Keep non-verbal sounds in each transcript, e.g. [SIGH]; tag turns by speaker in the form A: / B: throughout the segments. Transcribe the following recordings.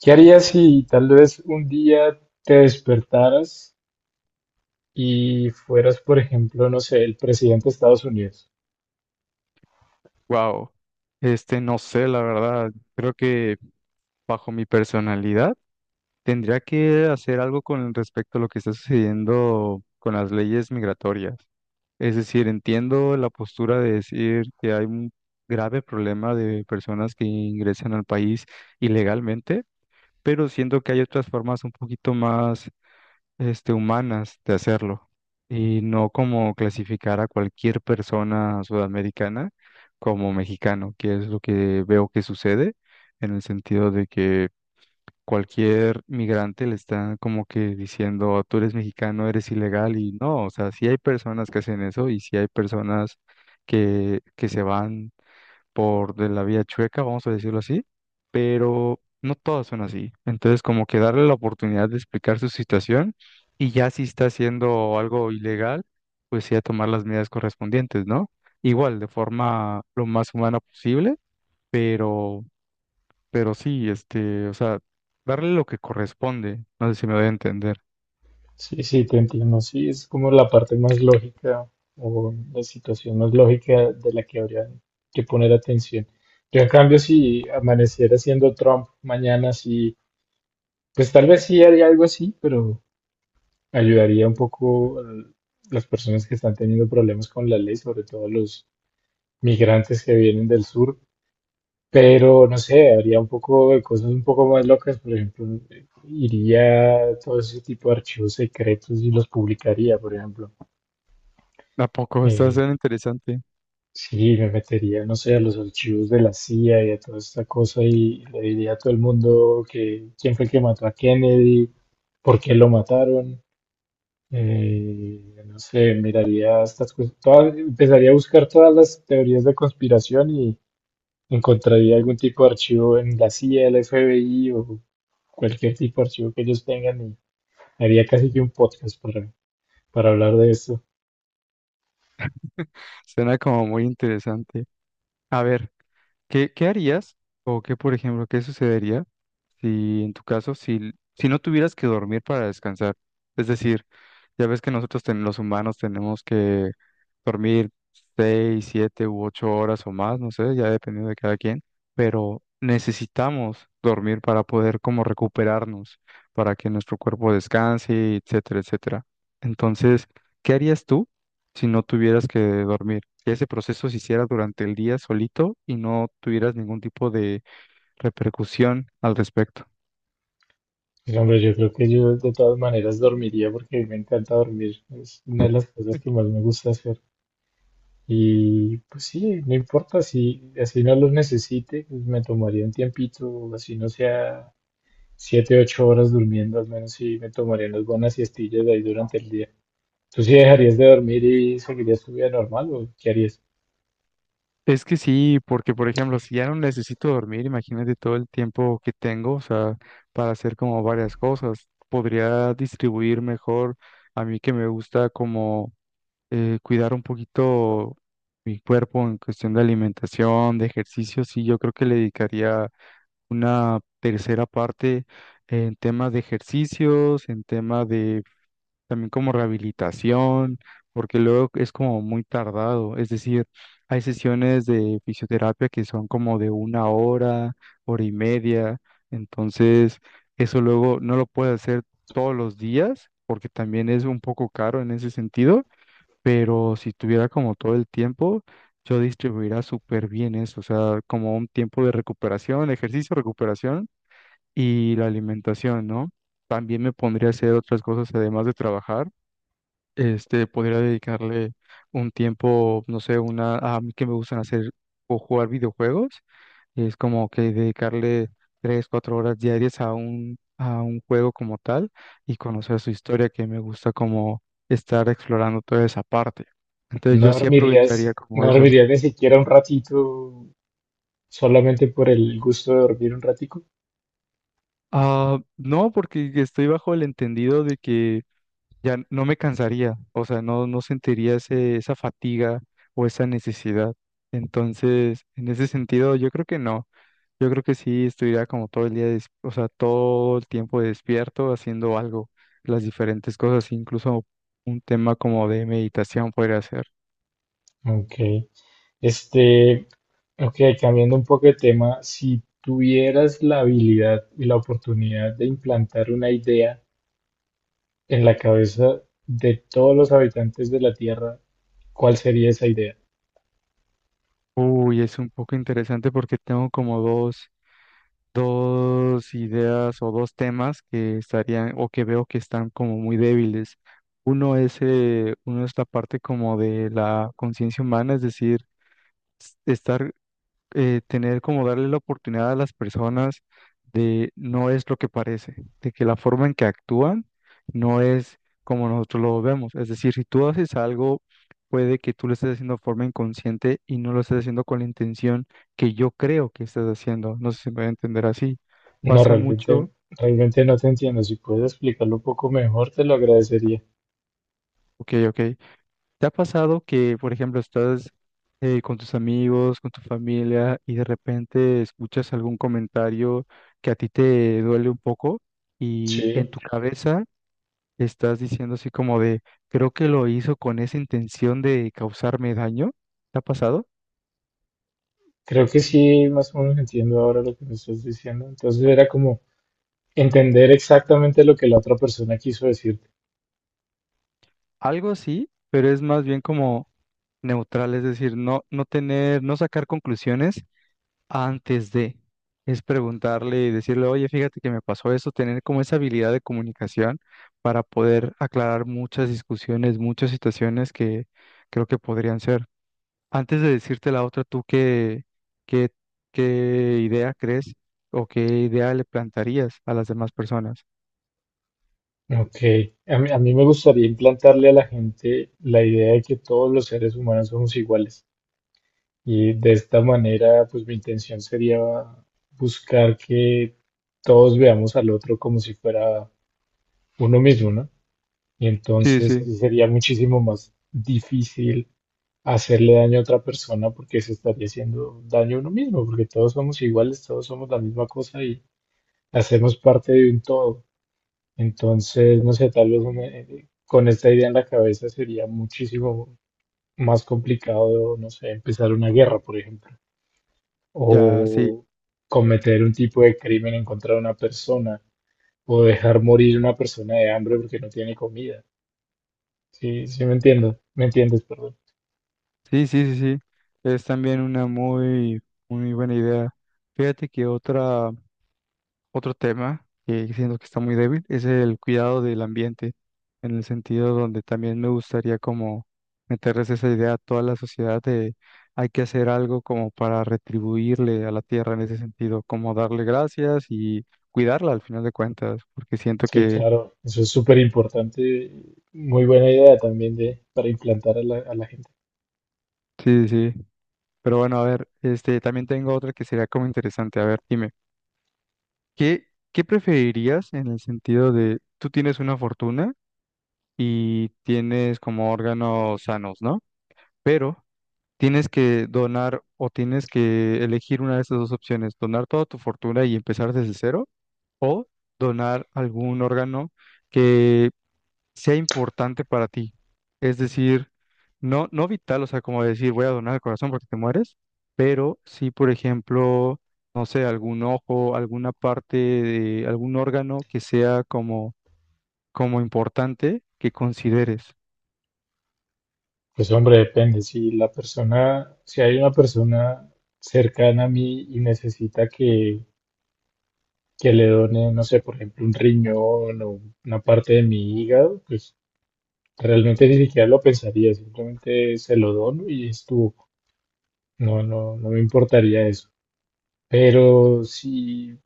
A: ¿Qué harías si tal vez un día te despertaras y fueras, por ejemplo, no sé, el presidente de Estados Unidos?
B: Wow, no sé, la verdad, creo que bajo mi personalidad tendría que hacer algo con respecto a lo que está sucediendo con las leyes migratorias. Es decir, entiendo la postura de decir que hay un grave problema de personas que ingresan al país ilegalmente, pero siento que hay otras formas un poquito más humanas de hacerlo y no como clasificar a cualquier persona sudamericana como mexicano, que es lo que veo que sucede en el sentido de que cualquier migrante le está como que diciendo, tú eres mexicano, eres ilegal y no, o sea, sí hay personas que hacen eso y sí hay personas que se van por de la vía chueca, vamos a decirlo así, pero no todas son así. Entonces, como que darle la oportunidad de explicar su situación y ya si está haciendo algo ilegal, pues sí a tomar las medidas correspondientes, ¿no? Igual, de forma lo más humana posible, pero, pero sí, o sea, darle lo que corresponde. No sé si me voy a entender.
A: Sí, sí, te entiendo. Sí, es como la parte más lógica o la situación más lógica de la que habría que poner atención. Yo, en cambio, si amaneciera siendo Trump mañana, sí, pues tal vez sí haría algo así, pero ayudaría un poco a las personas que están teniendo problemas con la ley, sobre todo a los migrantes que vienen del sur. Pero no sé, haría un poco de cosas un poco más locas, por ejemplo, iría a todo ese tipo de archivos secretos y los publicaría, por ejemplo.
B: ¿A poco? [LAUGHS] Está
A: Eh,
B: suena interesante.
A: sí, me metería, no sé, a los archivos de la CIA y a toda esta cosa y le diría a todo el mundo que quién fue el que mató a Kennedy, por qué lo mataron. No sé, miraría estas cosas, empezaría a buscar todas las teorías de conspiración y encontraría algún tipo de archivo en la CIA, el FBI o cualquier tipo de archivo que ellos tengan y haría casi que un podcast para hablar de esto.
B: Suena como muy interesante. A ver. ¿Qué harías o qué, por ejemplo, qué sucedería si en tu caso, si no tuvieras que dormir para descansar? Es decir, ya ves que nosotros los humanos tenemos que dormir 6, 7 u 8 horas o más, no sé, ya dependiendo de cada quien, pero necesitamos dormir para poder como recuperarnos, para que nuestro cuerpo descanse, etcétera, etcétera. Entonces, ¿qué harías tú si no tuvieras que dormir? Que ese proceso se hiciera durante el día solito y no tuvieras ningún tipo de repercusión al respecto.
A: Pero, hombre, yo creo que yo de todas maneras dormiría porque me encanta dormir. Es una de las cosas que más me gusta hacer. Y pues sí, no importa si así no los necesite, pues, me tomaría un tiempito, así no sea siete, ocho horas durmiendo, al menos sí me tomaría unas buenas siestillas de ahí durante el día. ¿Tú sí dejarías de dormir y seguirías tu vida normal o qué harías?
B: Es que sí, porque por ejemplo, si ya no necesito dormir, imagínate todo el tiempo que tengo, o sea, para hacer como varias cosas, podría distribuir mejor, a mí que me gusta como cuidar un poquito mi cuerpo en cuestión de alimentación, de ejercicio. Sí, yo creo que le dedicaría una tercera parte en temas de ejercicios, en tema de también como rehabilitación, porque luego es como muy tardado, es decir, hay sesiones de fisioterapia que son como de una hora, hora y media, entonces eso luego no lo puedes hacer todos los días, porque también es un poco caro en ese sentido, pero si tuviera como todo el tiempo, yo distribuiría súper bien eso, o sea, como un tiempo de recuperación, ejercicio, recuperación y la alimentación, ¿no? También me pondría a hacer otras cosas además de trabajar. Podría dedicarle un tiempo, no sé, una, a mí que me gustan hacer o jugar videojuegos, es como que dedicarle 3, 4 horas diarias a un juego como tal y conocer su historia, que me gusta como estar explorando toda esa parte. Entonces
A: ¿No
B: yo sí aprovecharía
A: dormirías,
B: como
A: no
B: eso.
A: dormirías ni siquiera un ratito solamente por el gusto de dormir un ratico?
B: Ah, no, porque estoy bajo el entendido de que ya no me cansaría, o sea, no, no sentiría ese, esa fatiga o esa necesidad. Entonces, en ese sentido, yo creo que no. Yo creo que sí estuviera como todo el día, o sea, todo el tiempo despierto haciendo algo, las diferentes cosas, incluso un tema como de meditación podría ser.
A: Ok. Este, ok, cambiando un poco de tema, si tuvieras la habilidad y la oportunidad de implantar una idea en la cabeza de todos los habitantes de la Tierra, ¿cuál sería esa idea?
B: Uy, es un poco interesante porque tengo como dos ideas o dos temas que estarían o que veo que están como muy débiles. Uno es la parte como de la conciencia humana, es decir, estar, tener como darle la oportunidad a las personas de no es lo que parece, de que la forma en que actúan no es como nosotros lo vemos. Es decir, si tú haces algo, puede que tú lo estés haciendo de forma inconsciente y no lo estés haciendo con la intención que yo creo que estás haciendo. No sé si me voy a entender así.
A: No,
B: Pasa mucho.
A: realmente, realmente no te entiendo. Si puedes explicarlo un poco mejor, te lo agradecería.
B: Ok, ok. ¿Te ha pasado que, por ejemplo, estás, con tus amigos, con tu familia y de repente escuchas algún comentario que a ti te duele un poco y en
A: Sí,
B: tu cabeza estás diciendo así como de, creo que lo hizo con esa intención de causarme daño? ¿Te ha pasado?
A: creo que sí, más o menos entiendo ahora lo que me estás diciendo. Entonces era como entender exactamente lo que la otra persona quiso decirte.
B: Algo así, pero es más bien como neutral, es decir, no, no tener, no sacar conclusiones antes de, es preguntarle y decirle, oye, fíjate que me pasó eso, tener como esa habilidad de comunicación para poder aclarar muchas discusiones, muchas situaciones que creo que podrían ser. Antes de decirte la otra, ¿tú qué, qué, qué idea crees o qué idea le plantarías a las demás personas?
A: Ok, a mí me gustaría implantarle a la gente la idea de que todos los seres humanos somos iguales. Y de esta manera, pues mi intención sería buscar que todos veamos al otro como si fuera uno mismo, ¿no? Y
B: Sí,
A: entonces
B: sí,
A: sí sería muchísimo más difícil hacerle daño a otra persona porque se estaría haciendo daño a uno mismo, porque todos somos iguales, todos somos la misma cosa y hacemos parte de un todo. Entonces, no sé, tal vez con esta idea en la cabeza sería muchísimo más complicado, no sé, empezar una guerra, por ejemplo,
B: ya, sí,
A: o cometer un tipo de crimen en contra de una persona, o dejar morir una persona de hambre porque no tiene comida. Sí, sí me entiendo, me entiendes, perdón.
B: sí, sí, sí, sí, es también una muy, muy buena idea. Fíjate que otra. Otro tema que siento que está muy débil es el cuidado del ambiente, en el sentido donde también me gustaría como meterles esa idea a toda la sociedad de hay que hacer algo como para retribuirle a la tierra en ese sentido, como darle gracias y cuidarla al final de cuentas, porque siento
A: Sí,
B: que
A: claro, eso es súper importante. Muy buena idea también de, para implantar a la gente.
B: sí, sí, sí. Pero bueno, a ver, también tengo otra que sería como interesante. A ver, dime, ¿qué, qué preferirías en el sentido de tú tienes una fortuna y tienes como órganos sanos, ¿no? Pero tienes que donar o tienes que elegir una de esas dos opciones: donar toda tu fortuna y empezar desde cero, o donar algún órgano que sea importante para ti. Es decir, no, no vital, o sea, como decir voy a donar el corazón porque te mueres, pero sí, por ejemplo, no sé, algún ojo, alguna parte de algún órgano que sea como, como importante que consideres.
A: Pues hombre, depende. Si la persona, si hay una persona cercana a mí y necesita que le done, no sé, por ejemplo, un riñón o una parte de mi hígado, pues realmente ni siquiera lo pensaría, simplemente se lo dono y estuvo. No, no, no me importaría eso. Pero si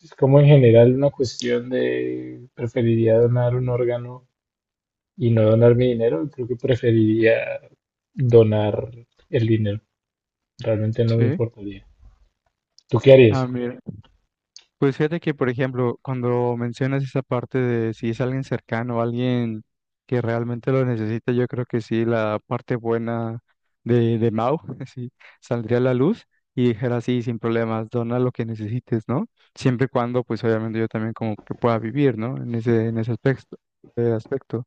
A: es como en general una cuestión de preferiría donar un órgano y no donar mi dinero, creo que preferiría donar el dinero. Realmente no me
B: Sí.
A: importaría. ¿Tú qué harías?
B: Ah, mira. Pues fíjate que, por ejemplo, cuando mencionas esa parte de si es alguien cercano, alguien que realmente lo necesita, yo creo que sí, la parte buena de Mau [LAUGHS] sí, saldría a la luz y dijera, sí, sin problemas, dona lo que necesites, ¿no? Siempre y cuando, pues obviamente yo también como que pueda vivir, ¿no? En ese aspecto, aspecto.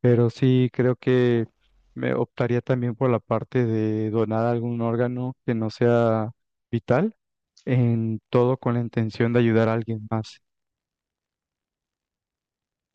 B: Pero sí creo que me optaría también por la parte de donar algún órgano que no sea vital, en todo con la intención de ayudar a alguien más.